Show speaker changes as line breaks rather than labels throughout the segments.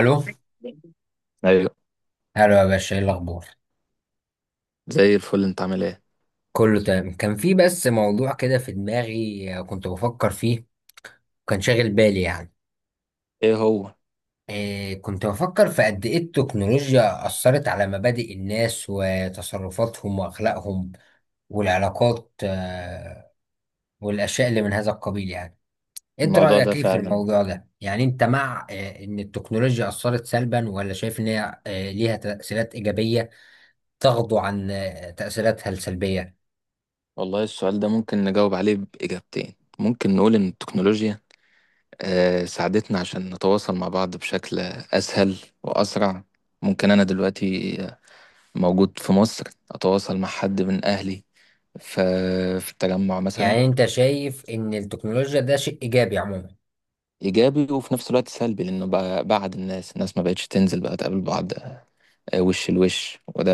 الو
ايوه.
الو يا باشا، ايه الاخبار؟
زي الفل، انت عامل ايه؟
كله تمام. كان في بس موضوع كده في دماغي، كنت بفكر فيه. كان شاغل بالي يعني.
ايه هو؟
إيه، كنت بفكر في قد ايه التكنولوجيا اثرت على مبادئ الناس وتصرفاتهم واخلاقهم والعلاقات، والاشياء اللي من هذا القبيل يعني. انت
الموضوع ده
رايك ايه في
فعلا.
الموضوع ده؟ يعني انت مع ان التكنولوجيا اثرت سلبا، ولا شايف ان هي ليها تاثيرات ايجابيه، تغضو عن تاثيراتها السلبيه؟
والله، السؤال ده ممكن نجاوب عليه بإجابتين. ممكن نقول ان التكنولوجيا ساعدتنا عشان نتواصل مع بعض بشكل اسهل واسرع. ممكن انا دلوقتي موجود في مصر، اتواصل مع حد من اهلي ف- في التجمع مثلا.
يعني انت شايف ان التكنولوجيا ده شيء ايجابي عموما.
ايجابي وفي نفس الوقت سلبي، لانه بقى بعد الناس، الناس ما بقتش تنزل بقى تقابل بعض وش لوش، وده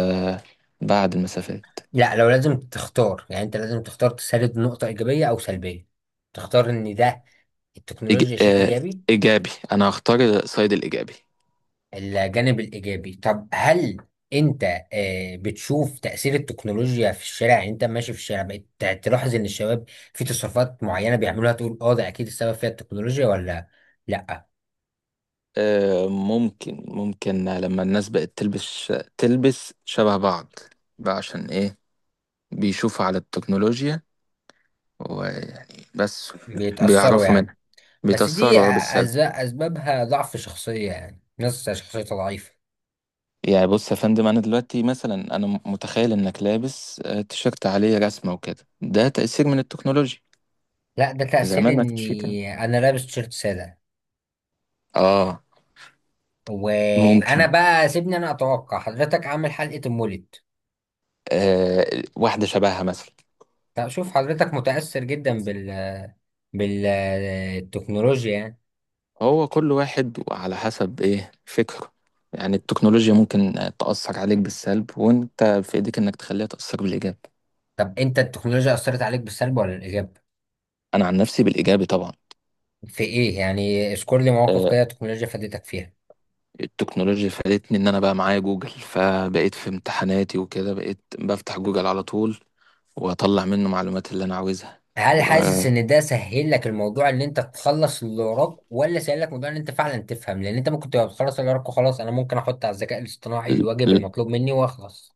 بعد المسافات.
لا، لو لازم تختار، يعني انت لازم تختار تسرد نقطة ايجابية او سلبية، تختار ان ده
إج...
التكنولوجيا شيء
آه، ماشي،
ايجابي.
إيجابي. أنا هختار سايد الإيجابي.
الجانب الايجابي. طب هل انت بتشوف تأثير التكنولوجيا في الشارع؟ يعني انت ماشي في الشارع بقيت تلاحظ ان الشباب في تصرفات معينة بيعملوها، تقول اه ده اكيد السبب فيها التكنولوجيا، ولا لا؟
ممكن لما الناس بقت تلبس تلبس شبه بعض، بقى عشان إيه؟ بيشوفوا على التكنولوجيا، ويعني بس
بيتأثروا
بيعرفوا
يعني.
منها،
بس دي
بيتأثروا بالسلب.
اسبابها ضعف شخصية، يعني ناس شخصيتها ضعيفة.
يعني بص يا فندم، أنا دلوقتي مثلا، أنا متخيل إنك لابس تيشيرت عليه رسمة وكده، ده تأثير من التكنولوجيا.
لا، ده تأثير
زمان ما كانش كده.
اني انا لابس تيشيرت سادة.
آه
وانا
ممكن،
بقى سيبني، انا اتوقع حضرتك عامل حلقة المولد.
واحدة شبهها مثلا.
طب شوف، حضرتك متأثر جدا بالتكنولوجيا يعني.
هو كل واحد وعلى حسب ايه فكره. يعني التكنولوجيا ممكن تأثر عليك بالسلب، وانت في ايديك انك تخليها تأثر بالإيجاب.
طب انت، التكنولوجيا اثرت عليك بالسلب ولا الايجاب؟
انا عن نفسي بالإيجابي طبعا.
في ايه يعني؟ اذكر لي مواقف
آه،
كده التكنولوجيا فادتك فيها.
التكنولوجيا فادتني ان انا بقى معايا جوجل، فبقيت في امتحاناتي وكده بقيت بفتح جوجل على طول واطلع منه معلومات اللي انا عاوزها.
هل
و
حاسس ان ده سهل لك الموضوع، ان انت تخلص اللي وراك، ولا سهل لك موضوع ان انت فعلا تفهم؟ لان انت ممكن تبقى بتخلص اللي وراك وخلاص، انا ممكن احط على الذكاء الاصطناعي
ل-
الواجب
ل-
المطلوب مني واخلص.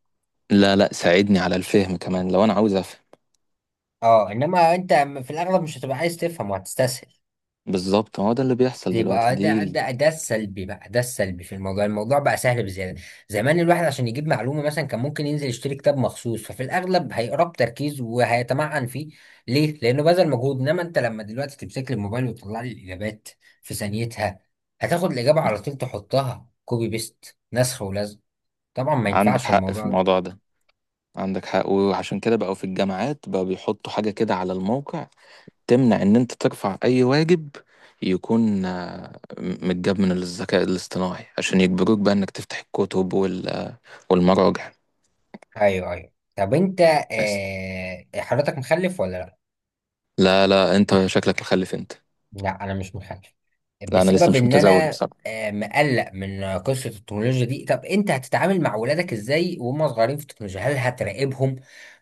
لا، لا، ساعدني على الفهم كمان لو انا عاوز افهم.
اه، انما انت في الاغلب مش هتبقى عايز تفهم وهتستسهل.
بالظبط، هو ده اللي بيحصل
دي
دلوقتي
يبقى
دي
ده
ال-
ده ده السلبي بقى، ده السلبي في الموضوع. الموضوع بقى سهل بزياده. زمان الواحد عشان يجيب معلومه مثلا كان ممكن ينزل يشتري كتاب مخصوص، ففي الاغلب هيقراه بتركيز وهيتمعن فيه. ليه؟ لانه بذل مجهود. انما انت لما دلوقتي تمسك لي الموبايل وتطلع لي الاجابات في ثانيتها، هتاخد الاجابه على طول، تحطها كوبي بيست، نسخ ولزق. طبعا ما
عندك
ينفعش
حق في
الموضوع ده.
الموضوع ده. عندك حق، وعشان كده بقوا في الجامعات بقوا بيحطوا حاجة كده على الموقع تمنع ان انت ترفع اي واجب يكون متجاب من الذكاء الاصطناعي، عشان يجبروك بقى انك تفتح الكتب والمراجع.
ايوه، ايوه. طب انت،
بس.
حضرتك مخلف ولا لا؟
لا، لا، انت شكلك مخلف انت.
لا، انا مش محجب
لا، انا لسه
بسبب
مش
ان
متزوج
انا
بصراحة.
مقلق من قصه التكنولوجيا دي. طب انت هتتعامل مع ولادك ازاي وهم صغيرين في التكنولوجيا؟ هل هتراقبهم،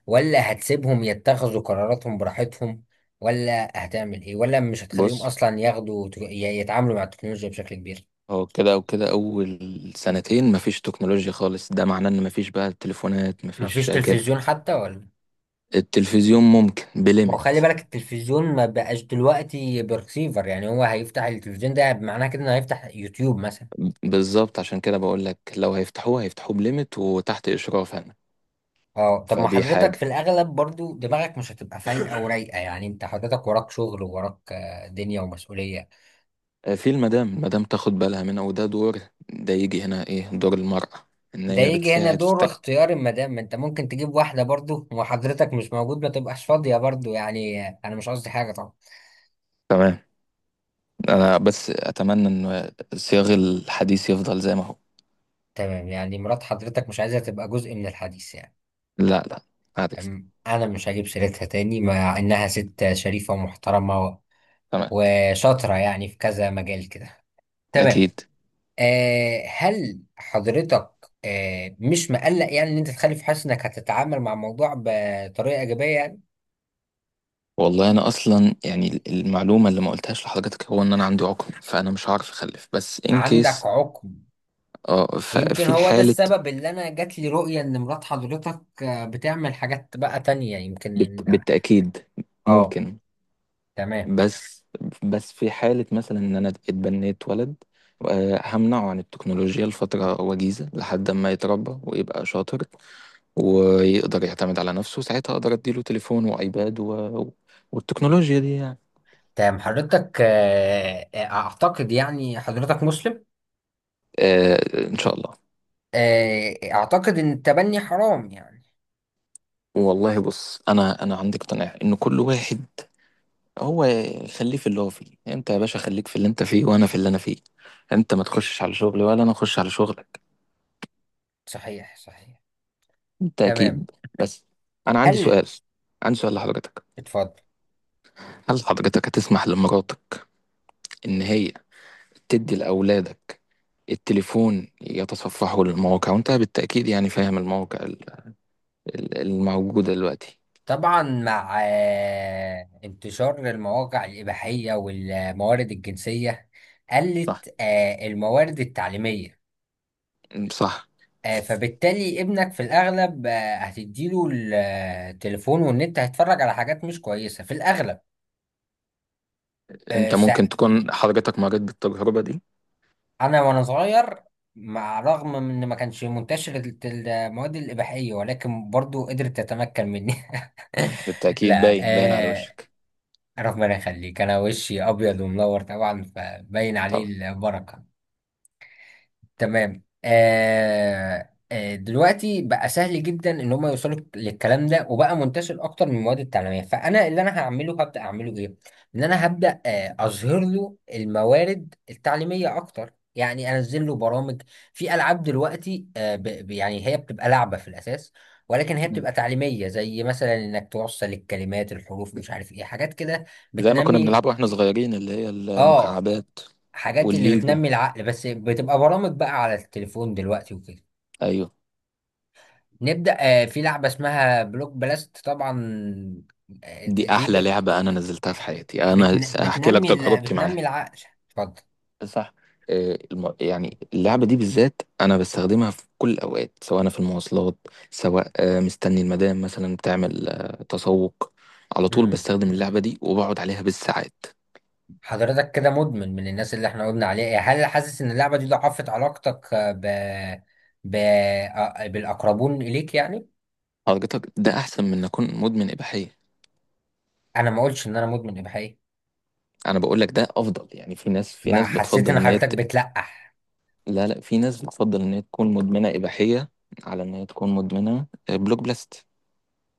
ولا هتسيبهم يتخذوا قراراتهم براحتهم، ولا هتعمل ايه؟ ولا مش هتخليهم
بص،
اصلا ياخدوا يتعاملوا مع التكنولوجيا بشكل كبير؟
هو كده او كده. اول سنتين مفيش تكنولوجيا خالص، ده معناه ان مفيش بقى تليفونات،
مفيش
مفيش كده.
تلفزيون حتى ولا؟
التلفزيون ممكن
ما هو
بليمت.
خلي بالك، التلفزيون ما بقاش دلوقتي برسيفر، يعني هو هيفتح التلفزيون ده معناه كده انه هيفتح يوتيوب مثلا.
بالظبط، عشان كده بقول لك لو هيفتحوه، هيفتحوه بليمت وتحت اشراف انا.
اه، طب ما
فدي
حضرتك
حاجه،
في الاغلب برضو دماغك مش هتبقى فايقه ورايقه، يعني انت حضرتك وراك شغل ووراك دنيا ومسؤوليه.
في المدام، المدام تاخد بالها منها، وده دور. ده يجي هنا ايه دور المراه؟ ان
ده
هي
يجي هنا
بتساعد في
دور
التك...
اختيار المدام. ما انت ممكن تجيب واحده برضو وحضرتك مش موجود، ما تبقاش فاضيه برضو، يعني انا مش قصدي حاجه طبعا.
تمام. انا بس اتمنى ان صياغ الحديث يفضل زي ما هو.
تمام. يعني مرات حضرتك مش عايزه تبقى جزء من الحديث يعني.
لا، لا، عارف.
تمام، انا مش هجيب سيرتها تاني مع انها ست شريفه ومحترمه
تمام،
وشاطره يعني في كذا مجال كده. تمام.
اكيد.
هل حضرتك مش مقلق يعني ان انت تخلف، حاسس انك هتتعامل مع الموضوع بطريقه ايجابيه يعني؟
والله انا اصلا يعني المعلومه اللي ما قلتهاش لحضرتك هو ان انا عندي عقم، فانا مش هعرف اخلف، بس ان
عندك
كيس.
عقم؟
اه،
يمكن
ففي
هو ده
حاله.
السبب اللي انا جات لي رؤيه ان مرات حضرتك بتعمل حاجات بقى تانية يمكن.
بالتاكيد.
اه.
ممكن.
تمام،
بس بس في حالة مثلا إن أنا اتبنيت ولد، همنعه عن التكنولوجيا لفترة وجيزة لحد ما يتربى ويبقى شاطر، ويقدر يعتمد على نفسه. ساعتها أقدر أديله تليفون وأيباد والتكنولوجيا دي يعني.
تمام. حضرتك اعتقد يعني حضرتك مسلم.
آه، إن شاء الله.
اعتقد ان التبني حرام يعني.
والله بص، أنا عندي اقتناع إن كل واحد هو خليه في اللي هو فيه. أنت يا باشا، خليك في اللي أنت فيه، وأنا في اللي أنا فيه. أنت ما تخشش على شغلي، ولا أنا أخش على شغلك.
صحيح، صحيح. تمام.
بالتأكيد. بس. أنا عندي
هل
سؤال، عندي سؤال لحضرتك.
اتفضل
هل حضرتك هتسمح لمراتك إن هي تدي لأولادك التليفون يتصفحوا للمواقع؟ وأنت بالتأكيد يعني فاهم المواقع الموجودة دلوقتي.
طبعا مع انتشار المواقع الإباحية والموارد الجنسية،
صح،
قلت الموارد التعليمية.
صح.
فبالتالي ابنك في الأغلب هتديله التليفون والنت هيتفرج على حاجات مش كويسة في الأغلب. آه،
أنت
سا-
ممكن تكون حضرتك مريت بالتجربة دي.
أنا وأنا صغير، مع رغم من إن ما كانش منتشر المواد الإباحية، ولكن برضو قدرت تتمكن مني.
بالتأكيد،
لا.
باين باين على وشك.
ربنا يخليك، انا وشي ابيض ومنور طبعا، فباين عليه
طبعا.
البركه. تمام. دلوقتي بقى سهل جدا ان هم يوصلوا للكلام ده، وبقى منتشر اكتر من المواد التعليميه. فانا اللي انا هعمله، هبدا اعمله ايه؟ ان انا هبدا اظهر له الموارد التعليميه اكتر، يعني انزل له برامج. في العاب دلوقتي يعني هي بتبقى لعبه في الاساس، ولكن هي
تمام.
بتبقى تعليميه، زي مثلا انك توصل الكلمات، الحروف، مش عارف ايه حاجات كده
زي ما كنا
بتنمي
بنلعبها واحنا صغيرين، اللي هي
اه
المكعبات
حاجات اللي
والليجو.
بتنمي العقل، بس بتبقى برامج بقى على التليفون دلوقتي وكده.
أيوه،
نبدأ. في لعبة اسمها بلوك بلاست طبعا. آه،
دي
دي
أحلى
ب-
لعبة أنا نزلتها في حياتي. أنا
بتن...
هحكي لك
بتنمي
تجربتي
بتنمي
معاها.
العقل. اتفضل.
صح. يعني اللعبة دي بالذات أنا بستخدمها في كل الأوقات، سواء أنا في المواصلات، سواء مستني المدام مثلا بتعمل تسوق، على طول
امم
بستخدم اللعبة دي وبقعد عليها بالساعات.
حضرتك كده مدمن من الناس اللي احنا قلنا عليها إيه، هل حاسس ان اللعبة دي ضعفت علاقتك آه، ب... ب... آه، بالأقربون إليك يعني؟
حضرتك، ده أحسن من إن أكون مدمن إباحية.
انا ما قلتش ان انا مدمن يا بحقيقة.
أنا بقول لك ده أفضل، يعني في ناس، في
ما
ناس
حسيت
بتفضل
ان
إن هي
حضرتك
ت...
بتلقح؟
لا، لا، في ناس بتفضل إن هي تكون مدمنة إباحية على إن هي تكون مدمنة بلوك بلاست.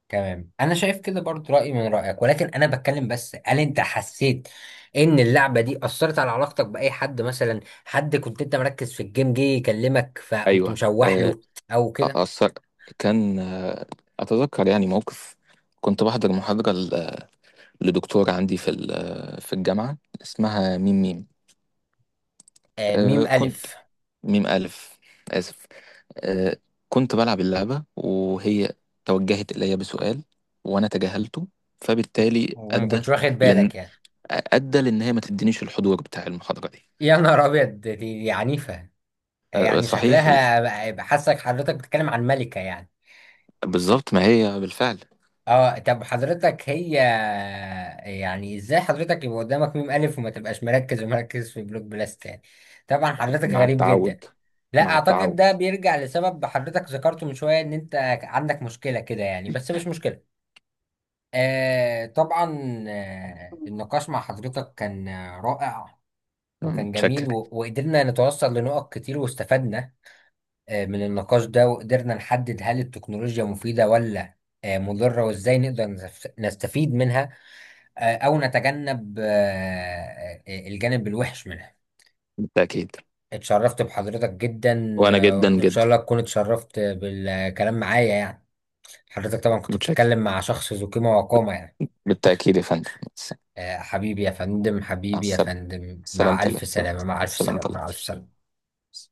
تمام، انا شايف كده برضو رايي من رايك، ولكن انا بتكلم بس، هل انت حسيت ان اللعبه دي اثرت على علاقتك باي حد مثلا، حد كنت انت مركز في الجيم جه يكلمك فقمت
أيوه.
مشوح له او كده؟
أثر. كان آه، أتذكر يعني موقف. كنت بحضر محاضرة لدكتورة عندي في الجامعة اسمها ميم ميم.
آه،
آه،
ميم
كنت
الف،
ميم ألف، آسف. آه، كنت بلعب اللعبة وهي توجهت إلي بسؤال، وأنا تجاهلته، فبالتالي
وما كنتش واخد
لأن
بالك يعني؟
أدى لأن هي ما تدينيش الحضور بتاع المحاضرة دي.
يا نهار ابيض، دي عنيفه. يعني
صحيح.
شكلها بقى، حاسك حضرتك بتتكلم عن ملكه يعني.
بالظبط، ما هي بالفعل.
اه، طب حضرتك هي، يعني ازاي حضرتك يبقى قدامك ميم الف وما تبقاش مركز ومركز في بلوك بلاست يعني؟ طبعا حضرتك
مع
غريب
التعود،
جدا. لا
مع
اعتقد
التعود.
ده بيرجع لسبب حضرتك ذكرته من شوية، ان انت عندك مشكلة كده يعني، بس مش مشكلة. طبعا. النقاش مع حضرتك كان رائع، وكان
متشكر.
جميل وقدرنا نتوصل لنقط كتير واستفدنا من النقاش ده، وقدرنا نحدد هل التكنولوجيا مفيدة ولا مضرة، وازاي نقدر نستفيد منها او نتجنب الجانب الوحش منها.
بالتأكيد.
اتشرفت بحضرتك جدا،
وأنا جدا
وان شاء
جدا.
الله تكون اتشرفت بالكلام معايا يعني. حضرتك طبعا كنت
متشكر.
بتتكلم مع شخص ذو قيمة وقامة يعني.
بالتأكيد يا فندم.
حبيبي يا فندم،
مع
حبيبي يا
السلامة.
فندم،
سلامة
مع
الله.
ألف سلامة، مع ألف
سلامة
سلامة،
الله.
مع ألف سلامة.
بس.